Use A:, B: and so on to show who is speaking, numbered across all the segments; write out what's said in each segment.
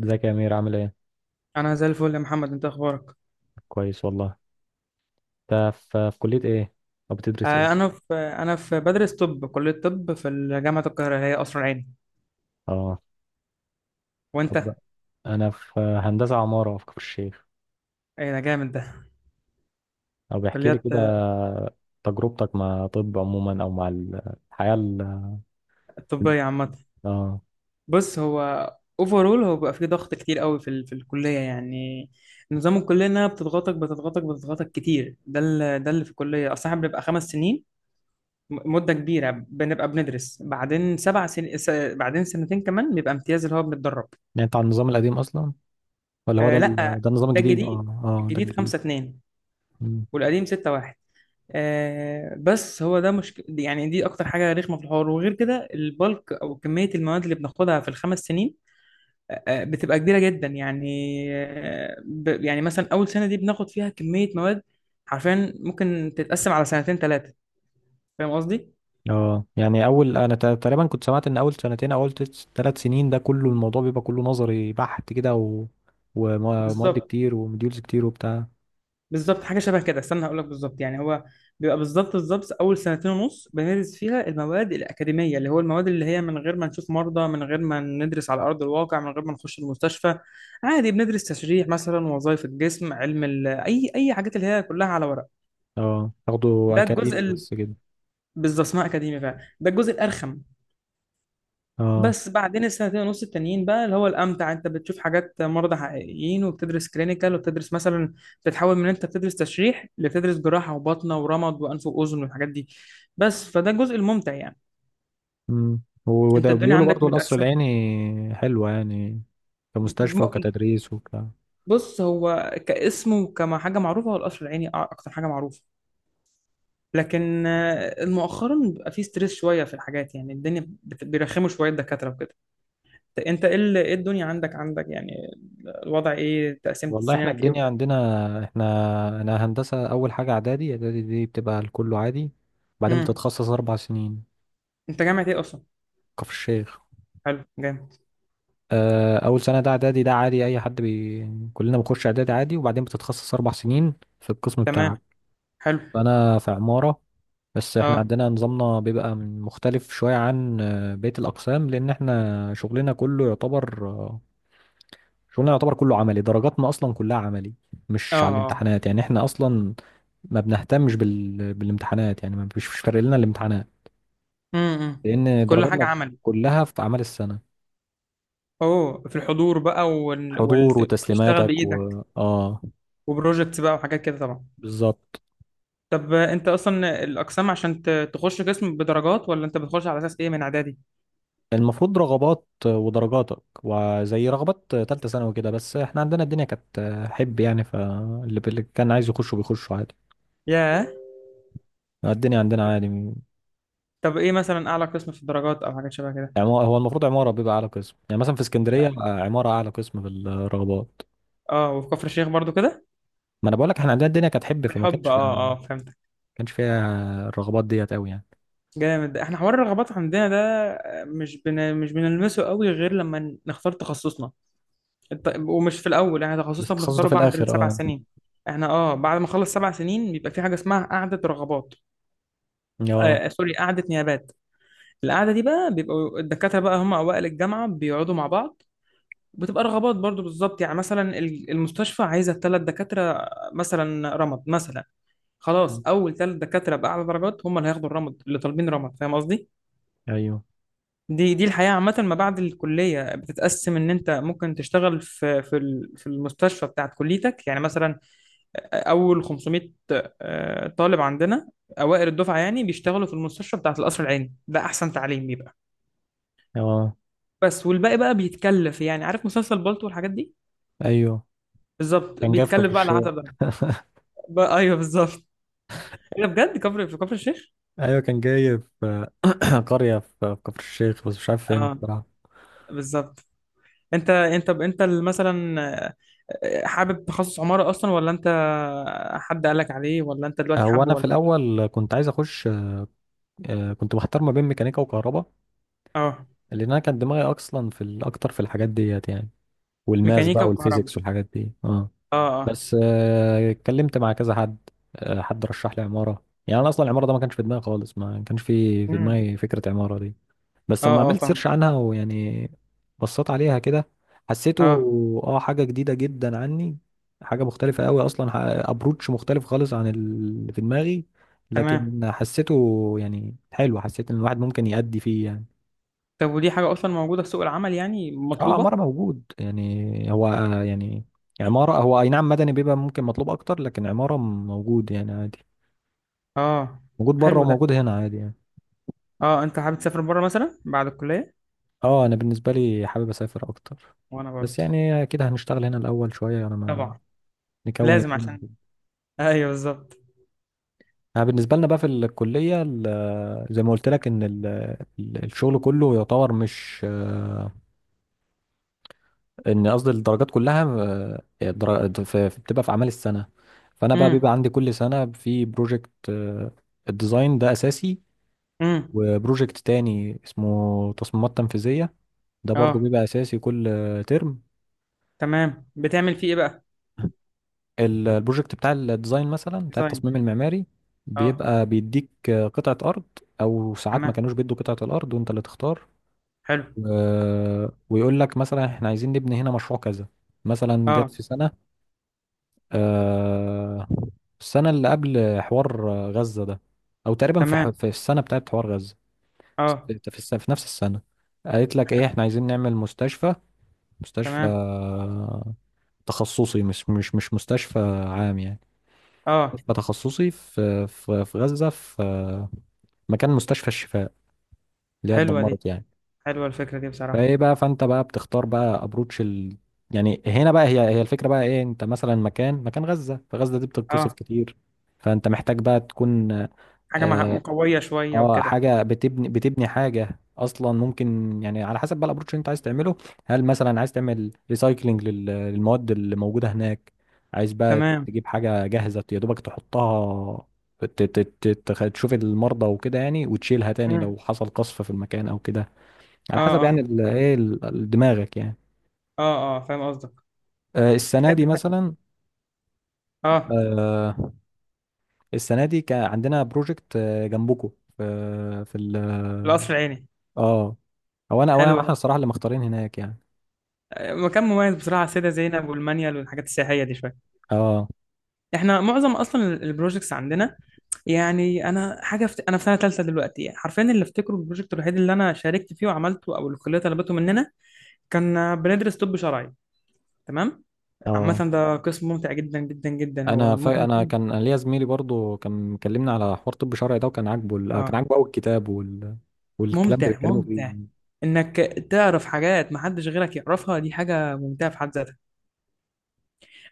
A: ازيك يا امير، عامل ايه؟
B: انا زي الفل يا محمد، انت اخبارك؟
A: كويس والله. انت في كلية ايه، او بتدرس ايه؟
B: انا في انا في بدرس طب، كليه طب في جامعه القاهره، هي قصر العيني.
A: اه. طب.
B: وانت؟
A: انا في هندسة عمارة في كفر الشيخ.
B: ايه ده، جامد ده.
A: او بيحكي لي
B: كليات
A: كده. تجربتك مع طب عموما او مع الحياة
B: طبيه عامه.
A: اه،
B: بص، هو اوفرول هو بيبقى فيه ضغط كتير قوي في الكليه يعني. نظام الكليه انها بتضغطك بتضغطك بتضغطك كتير. ده اللي في الكليه اصلا. إحنا بنبقى 5 سنين، مده كبيره بنبقى بندرس، بعدين 7 سنين، بعدين سنتين كمان بيبقى امتياز اللي هو بنتدرب.
A: يعني انت على النظام القديم اصلا، ولا هو
B: آه لا،
A: ده النظام
B: ده
A: الجديد؟ اه.
B: الجديد.
A: اه، ده
B: الجديد
A: الجديد.
B: خمسة اتنين،
A: مم.
B: والقديم 6 1. آه، بس هو ده مشكلة يعني، دي أكتر حاجة رخمة في الحوار. وغير كده البلك أو كمية المواد اللي بناخدها في الخمس سنين بتبقى كبيرة جدا يعني. آه ب يعني مثلا أول سنة دي بناخد فيها كمية مواد حرفيا ممكن تتقسم على سنتين ثلاثة. فاهم قصدي؟
A: اه، يعني اول انا تقريبا كنت سمعت ان اول سنتين او اول 3 سنين ده كله الموضوع بيبقى كله نظري بحت كده، ومواد
B: بالظبط.
A: كتير، وموديولز كتير، وبتاع.
B: بالظبط حاجه شبه كده. استنى هقول لك بالظبط. يعني هو بيبقى بالظبط بالظبط اول سنتين ونص بندرس فيها المواد الاكاديميه، اللي هو المواد اللي هي من غير ما نشوف مرضى، من غير ما ندرس على ارض الواقع، من غير ما نخش المستشفى. عادي بندرس تشريح مثلا، وظائف الجسم، اي حاجات اللي هي كلها على ورق.
A: اه، تاخده
B: ده الجزء
A: اكاديمي
B: ال...
A: بس كده.
B: بالظبط اسمها اكاديمي فعلا، ده الجزء الارخم.
A: اه.
B: بس بعدين السنتين ونص التانيين بقى اللي هو الامتع، انت بتشوف حاجات، مرضى حقيقيين، وبتدرس كلينيكال، وبتدرس مثلا، بتتحول من انت بتدرس تشريح لبتدرس جراحه وباطنه ورمد وانف واذن والحاجات دي. بس فده الجزء الممتع يعني. انت
A: وده
B: الدنيا
A: بيقولوا
B: عندك
A: برضو القصر
B: متقسمه.
A: العيني حلوة يعني، كمستشفى
B: م-
A: وكتدريس وك.
B: بص، هو كاسم وكما حاجه معروفه، هو القصر العيني اكتر حاجه معروفه. لكن مؤخرا بيبقى فيه ستريس شويه في الحاجات، يعني الدنيا بيرخموا شويه الدكاتره وكده. انت ايه إيه الدنيا عندك يعني، الوضع ايه، تقسيمة
A: والله، احنا
B: سنينك ايه
A: الدنيا
B: وكده؟
A: عندنا، احنا انا هندسة، اول حاجة اعدادي دي بتبقى الكل عادي، بعدين
B: امم.
A: بتتخصص 4 سنين.
B: انت جامعة ايه اصلا؟
A: كفر الشيخ.
B: حلو، جامد.
A: اول سنة ده اعدادي، ده عادي، اي حد كلنا بنخش اعدادي عادي، وبعدين بتتخصص 4 سنين في القسم بتاعك.
B: تمام. حلو.
A: فانا في عمارة. بس احنا
B: اه.
A: عندنا نظامنا بيبقى مختلف شوية عن بقية الاقسام، لان احنا شغلنا كله يعتبر، شغلنا يعتبر كله عملي، درجاتنا اصلا كلها عملي،
B: اه.
A: مش على
B: اه.
A: الامتحانات. يعني احنا اصلا ما بنهتمش بالامتحانات، يعني ما فيش، مش فارق لنا الامتحانات،
B: امم.
A: لان
B: كل حاجة
A: درجاتنا
B: عملي.
A: كلها في اعمال السنه.
B: اوه، في الحضور بقى
A: حضور
B: وتشتغل
A: وتسليماتك
B: بايدك،
A: و اه
B: وبروجكتس بقى وحاجات كده طبعا.
A: بالظبط.
B: طب انت اصلا الاقسام عشان تخش قسم بدرجات، ولا انت بتخش على اساس ايه من اعدادي؟
A: المفروض رغبات ودرجاتك، وزي رغبات تالتة ثانوي كده، بس احنا عندنا الدنيا كانت حب يعني، فاللي كان عايز يخشه بيخشه عادي.
B: ياه.
A: الدنيا عندنا عادي.
B: طب ايه مثلا اعلى قسم في الدرجات او حاجات شبه كده؟
A: يعني هو المفروض عمارة بيبقى أعلى قسم، يعني مثلا في اسكندرية عمارة أعلى قسم في الرغبات.
B: اه، وفي كفر الشيخ برضو كده؟
A: ما انا بقول لك احنا عندنا الدنيا كانت حب، فما
B: بالحب،
A: كانش في،
B: اه
A: ما
B: اه، فهمتك.
A: كانش فيها الرغبات ديت قوي يعني.
B: جامد، احنا حوار الرغبات عندنا ده مش بنلمسه قوي غير لما نختار تخصصنا. ومش في الاول، احنا
A: بس
B: تخصصنا
A: التخصص ده
B: بنختاره
A: في
B: بعد
A: الاخر،
B: السبع
A: اه.
B: سنين. احنا اه بعد ما نخلص سبع سنين بيبقى في حاجه اسمها قعده رغبات.
A: اه
B: سوري، قعده نيابات. القعده دي بقى، بيبقوا الدكاتره بقى هم اوائل الجامعه بيقعدوا مع بعض، بتبقى رغبات برضو بالظبط. يعني مثلا المستشفى عايزه 3 دكاتره، مثلا رمد مثلا، خلاص اول ثلاث دكاتره باعلى درجات هم اللي هياخدوا الرمد اللي طالبين رمد. فاهم قصدي؟
A: ايوه.
B: دي الحياه عامه ما بعد الكليه، بتتقسم ان انت ممكن تشتغل في المستشفى بتاعت كليتك. يعني مثلا اول 500 طالب عندنا، اوائل الدفعه يعني، بيشتغلوا في المستشفى بتاعه القصر العيني، ده احسن تعليم بيبقى.
A: اه
B: بس والباقي بقى بيتكلف، يعني عارف مسلسل بالطو والحاجات دي.
A: ايوه،
B: بالظبط
A: كان جاي في كفر
B: بيتكلف بقى على
A: الشيخ
B: حسب ده. بقى ايوه، بالظبط. ايه ده بجد، في كفر الشيخ؟
A: ايوه كان جاي في قريه في كفر الشيخ، بس مش عارف فين
B: اه،
A: بصراحه.
B: بالظبط. انت مثلا حابب تخصص عماره اصلا، ولا انت حد قالك عليه، ولا انت دلوقتي
A: هو
B: حابه،
A: انا في
B: ولا؟
A: الاول كنت عايز اخش، كنت محتار ما بين ميكانيكا وكهرباء،
B: اه.
A: لان انا كان دماغي اصلا في اكتر في الحاجات ديت يعني، والماس
B: ميكانيكا
A: بقى
B: وكهرباء.
A: والفيزيكس والحاجات دي، اه.
B: اه اه.
A: بس اتكلمت مع كذا حد. حد رشح لي عمارة. يعني انا اصلا العمارة ده ما كانش في دماغي خالص، ما كانش في
B: امم.
A: دماغي فكرة عمارة دي. بس لما
B: اه اه،
A: عملت
B: فاهم.
A: سيرش عنها ويعني بصيت عليها كده، حسيته،
B: اه،
A: اه، حاجة جديدة جدا عني، حاجة مختلفة قوي اصلا. ابروتش مختلف خالص عن اللي في دماغي،
B: تمام.
A: لكن حسيته يعني حلو، حسيت ان الواحد ممكن يأدي فيه يعني.
B: طب ودي حاجة أصلا موجودة في سوق العمل يعني،
A: اه، عمارة
B: مطلوبة؟
A: موجود. يعني هو يعني عمارة، هو اي نعم مدني بيبقى ممكن مطلوب اكتر، لكن عمارة موجود يعني عادي،
B: اه،
A: موجود بره
B: حلو ده.
A: وموجود هنا عادي يعني.
B: اه، أنت حابب تسافر بره مثلا بعد الكلية؟
A: اه، انا بالنسبة لي حابب اسافر اكتر،
B: وأنا
A: بس
B: برضه.
A: يعني اكيد هنشتغل هنا الاول شوية، يعني ما
B: طبعا.
A: نكون
B: لازم
A: الدنيا
B: عشان.
A: كده.
B: أيوه، بالظبط.
A: انا بالنسبة لنا بقى في الكلية، زي ما قلت لك ان الشغل كله يعتبر مش، ان قصدي الدرجات كلها، بتبقى في اعمال السنه. فانا بقى بيبقى
B: امم.
A: عندي كل سنه في بروجكت، الديزاين ده اساسي.
B: امم.
A: وبروجكت تاني اسمه تصميمات تنفيذيه، ده برضو
B: اه،
A: بيبقى اساسي كل ترم.
B: تمام، بتعمل فيه إيه بقى؟
A: البروجكت بتاع الديزاين مثلا، بتاع
B: ديزاين.
A: التصميم المعماري،
B: اه،
A: بيبقى بيديك قطعه ارض، او ساعات ما
B: تمام.
A: كانوش بيدوا قطعه الارض وانت اللي تختار،
B: حلو.
A: ويقول لك مثلا احنا عايزين نبني هنا مشروع كذا. مثلا جت
B: اه،
A: في سنه، آه، السنة اللي قبل حوار غزة ده، أو تقريبا في
B: تمام.
A: في السنة بتاعت حوار غزة.
B: اه،
A: في نفس السنة قالت لك إيه،
B: حلو.
A: إحنا عايزين نعمل مستشفى. مستشفى
B: تمام.
A: تخصصي، مش مستشفى عام يعني،
B: اه،
A: مستشفى تخصصي في غزة، في مكان مستشفى الشفاء اللي هي
B: حلوة دي.
A: اتدمرت يعني.
B: حلوة الفكرة دي بصراحة.
A: فإيه بقى، فأنت بقى بتختار بقى أبروتش يعني هنا بقى، هي هي الفكرة بقى إيه. أنت مثلا مكان، مكان غزة، فغزة دي بتتقصف
B: اه،
A: كتير، فانت محتاج بقى تكون،
B: حاجة
A: اه،
B: مقوية شوية وكده.
A: حاجه بتبني، بتبني حاجه اصلا ممكن يعني، على حسب بقى الابروتش اللي انت عايز تعمله. هل مثلا عايز تعمل ريسايكلينج للمواد اللي موجوده هناك، عايز بقى
B: تمام.
A: تجيب حاجه جاهزه يا دوبك تحطها، تشوف المرضى وكده يعني، وتشيلها تاني لو
B: امم.
A: حصل قصف في المكان او كده، على
B: اه
A: حسب يعني
B: اه
A: ايه دماغك يعني.
B: اه اه، فاهم قصدك.
A: السنه دي
B: جامد ده.
A: مثلا،
B: اه.
A: آه، السنه دي كان عندنا بروجكت جنبكم في في ال-
B: القصر العيني
A: اه. هو انا، او انا احنا
B: حلو.
A: الصراحه اللي مختارين هناك يعني.
B: مكان مميز بصراحه، على السيده زينب والمانيال والحاجات السياحيه دي شويه.
A: اه
B: احنا معظم اصلا البروجيكتس عندنا، يعني انا حاجه انا في سنه ثالثه دلوقتي. حرفيا اللي افتكره البروجكت الوحيد اللي انا شاركت فيه وعملته او الكليه طلبته مننا كان بندرس طب شرعي. تمام،
A: اه.
B: عامه ده قسم ممتع جدا جدا جدا، هو
A: انا ف...
B: ممكن
A: انا
B: يكون
A: كان أنا ليا زميلي برضو كان مكلمنا على حوار طب شرعي ده، وكان عاجبه كان
B: اه،
A: عاجبه قوي الكتاب والكلام اللي
B: ممتع
A: بيتكلموا
B: ممتع
A: فيه.
B: انك تعرف حاجات ما حدش غيرك يعرفها، دي حاجه ممتعه في حد ذاتها.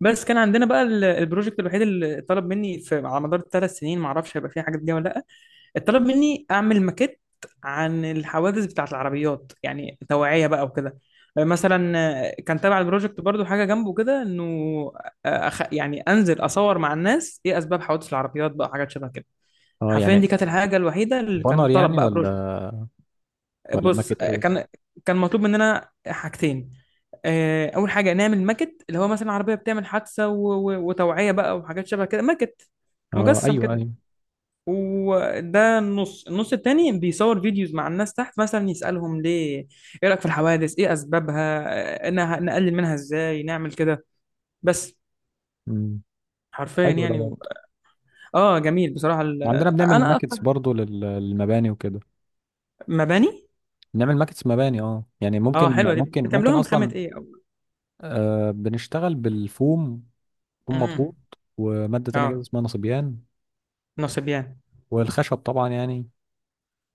B: بس كان عندنا بقى البروجكت الوحيد اللي طلب مني في على مدار الثلاث سنين، ما اعرفش هيبقى فيه حاجه جديده ولا لا. اتطلب مني اعمل ماكيت عن الحوادث بتاعت العربيات، يعني توعية بقى وكده، مثلا. كان تابع البروجكت برضو حاجة جنبه كده، انه يعني انزل اصور مع الناس، ايه اسباب حوادث العربيات بقى، حاجات شبه كده.
A: اه
B: حرفيا دي
A: يعني،
B: كانت الحاجة الوحيدة اللي كان
A: بانر
B: طلب
A: يعني،
B: بقى بروجكت.
A: ولا ولا
B: بص
A: ماكت، ايه؟
B: كان مطلوب مننا حاجتين. اول حاجة نعمل ماكت، اللي هو مثلا عربية بتعمل حادثة وتوعية بقى وحاجات شبه كده، ماكت
A: اه،
B: مجسم
A: ايوه
B: كده.
A: ايوه.
B: وده النص التاني بيصور فيديوز مع الناس تحت، مثلا يسألهم ليه ايه رأيك في الحوادث، ايه اسبابها، نقلل منها ازاي، نعمل كده. بس،
A: امم.
B: حرفيا
A: حلو ده
B: يعني.
A: برضه.
B: اه، جميل بصراحة
A: عندنا بنعمل
B: انا
A: ماكتس
B: اكتر،
A: برضه للمباني وكده،
B: مباني.
A: بنعمل ماكتس مباني. اه يعني،
B: اه،
A: ممكن
B: حلوة دي،
A: ممكن ممكن
B: بتعملوها من خامة
A: اصلا.
B: ايه او؟
A: آه، بنشتغل بالفوم، فوم مضغوط،
B: مم.
A: وماده تانية كده
B: اه،
A: اسمها نصبيان،
B: نصبيان.
A: والخشب طبعا يعني.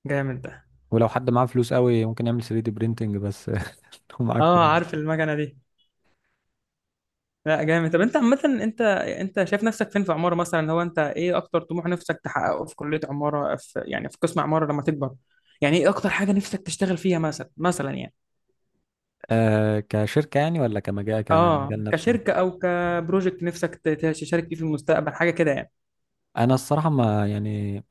B: جامد ده.
A: ولو حد معاه فلوس قوي، ممكن يعمل 3 دي برينتنج بس لو معاك
B: اه،
A: فلوس.
B: عارف المكنة دي. لا، جامد. طب انت عامة انت شايف نفسك فين في عمارة مثلا؟ هو انت ايه اكتر طموح نفسك تحققه في كلية عمارة، في يعني في قسم عمارة لما تكبر، يعني ايه اكتر حاجة نفسك تشتغل فيها مثلا يعني؟
A: آه، كشركة يعني ولا كمجال،
B: اه،
A: كمجال نفسه.
B: كشركة او كبروجكت نفسك تشارك فيه في المستقبل، حاجة كده يعني.
A: انا الصراحة،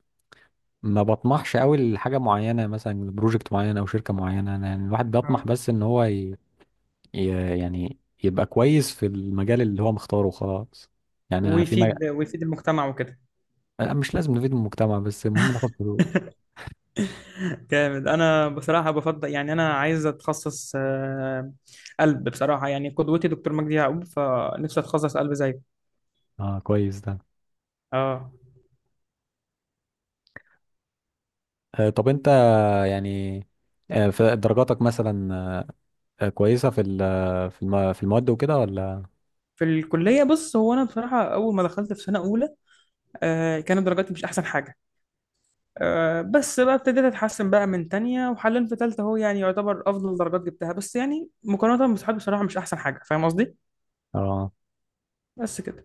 A: ما بطمحش قوي لحاجة معينة، مثلا بروجكت معين او شركة معينة. أنا يعني، الواحد بيطمح
B: اه،
A: بس ان هو ي... ي... يعني يبقى كويس في المجال اللي هو مختاره خلاص. يعني أنا في مجال
B: ويفيد المجتمع وكده.
A: مش لازم نفيد المجتمع، بس المهم ناخد فلوس.
B: جامد، انا بصراحة بفضل يعني انا عايز اتخصص قلب بصراحة. يعني قدوتي دكتور مجدي يعقوب، فنفسي اتخصص قلب زيه.
A: اه كويس ده.
B: اه.
A: آه طب انت، يعني في درجاتك مثلا، كويسة في في في المواد وكده ولا؟
B: في الكلية، بص هو أنا بصراحة أول ما دخلت في سنة أولى كانت درجاتي مش أحسن حاجة. آه، بس بقى ابتديت أتحسن بقى من تانية، وحاليا في تالتة أهو يعني يعتبر أفضل درجات جبتها. بس يعني مقارنة بصحابي بصراحة مش أحسن حاجة، فاهم قصدي؟
A: اه.
B: بس كده.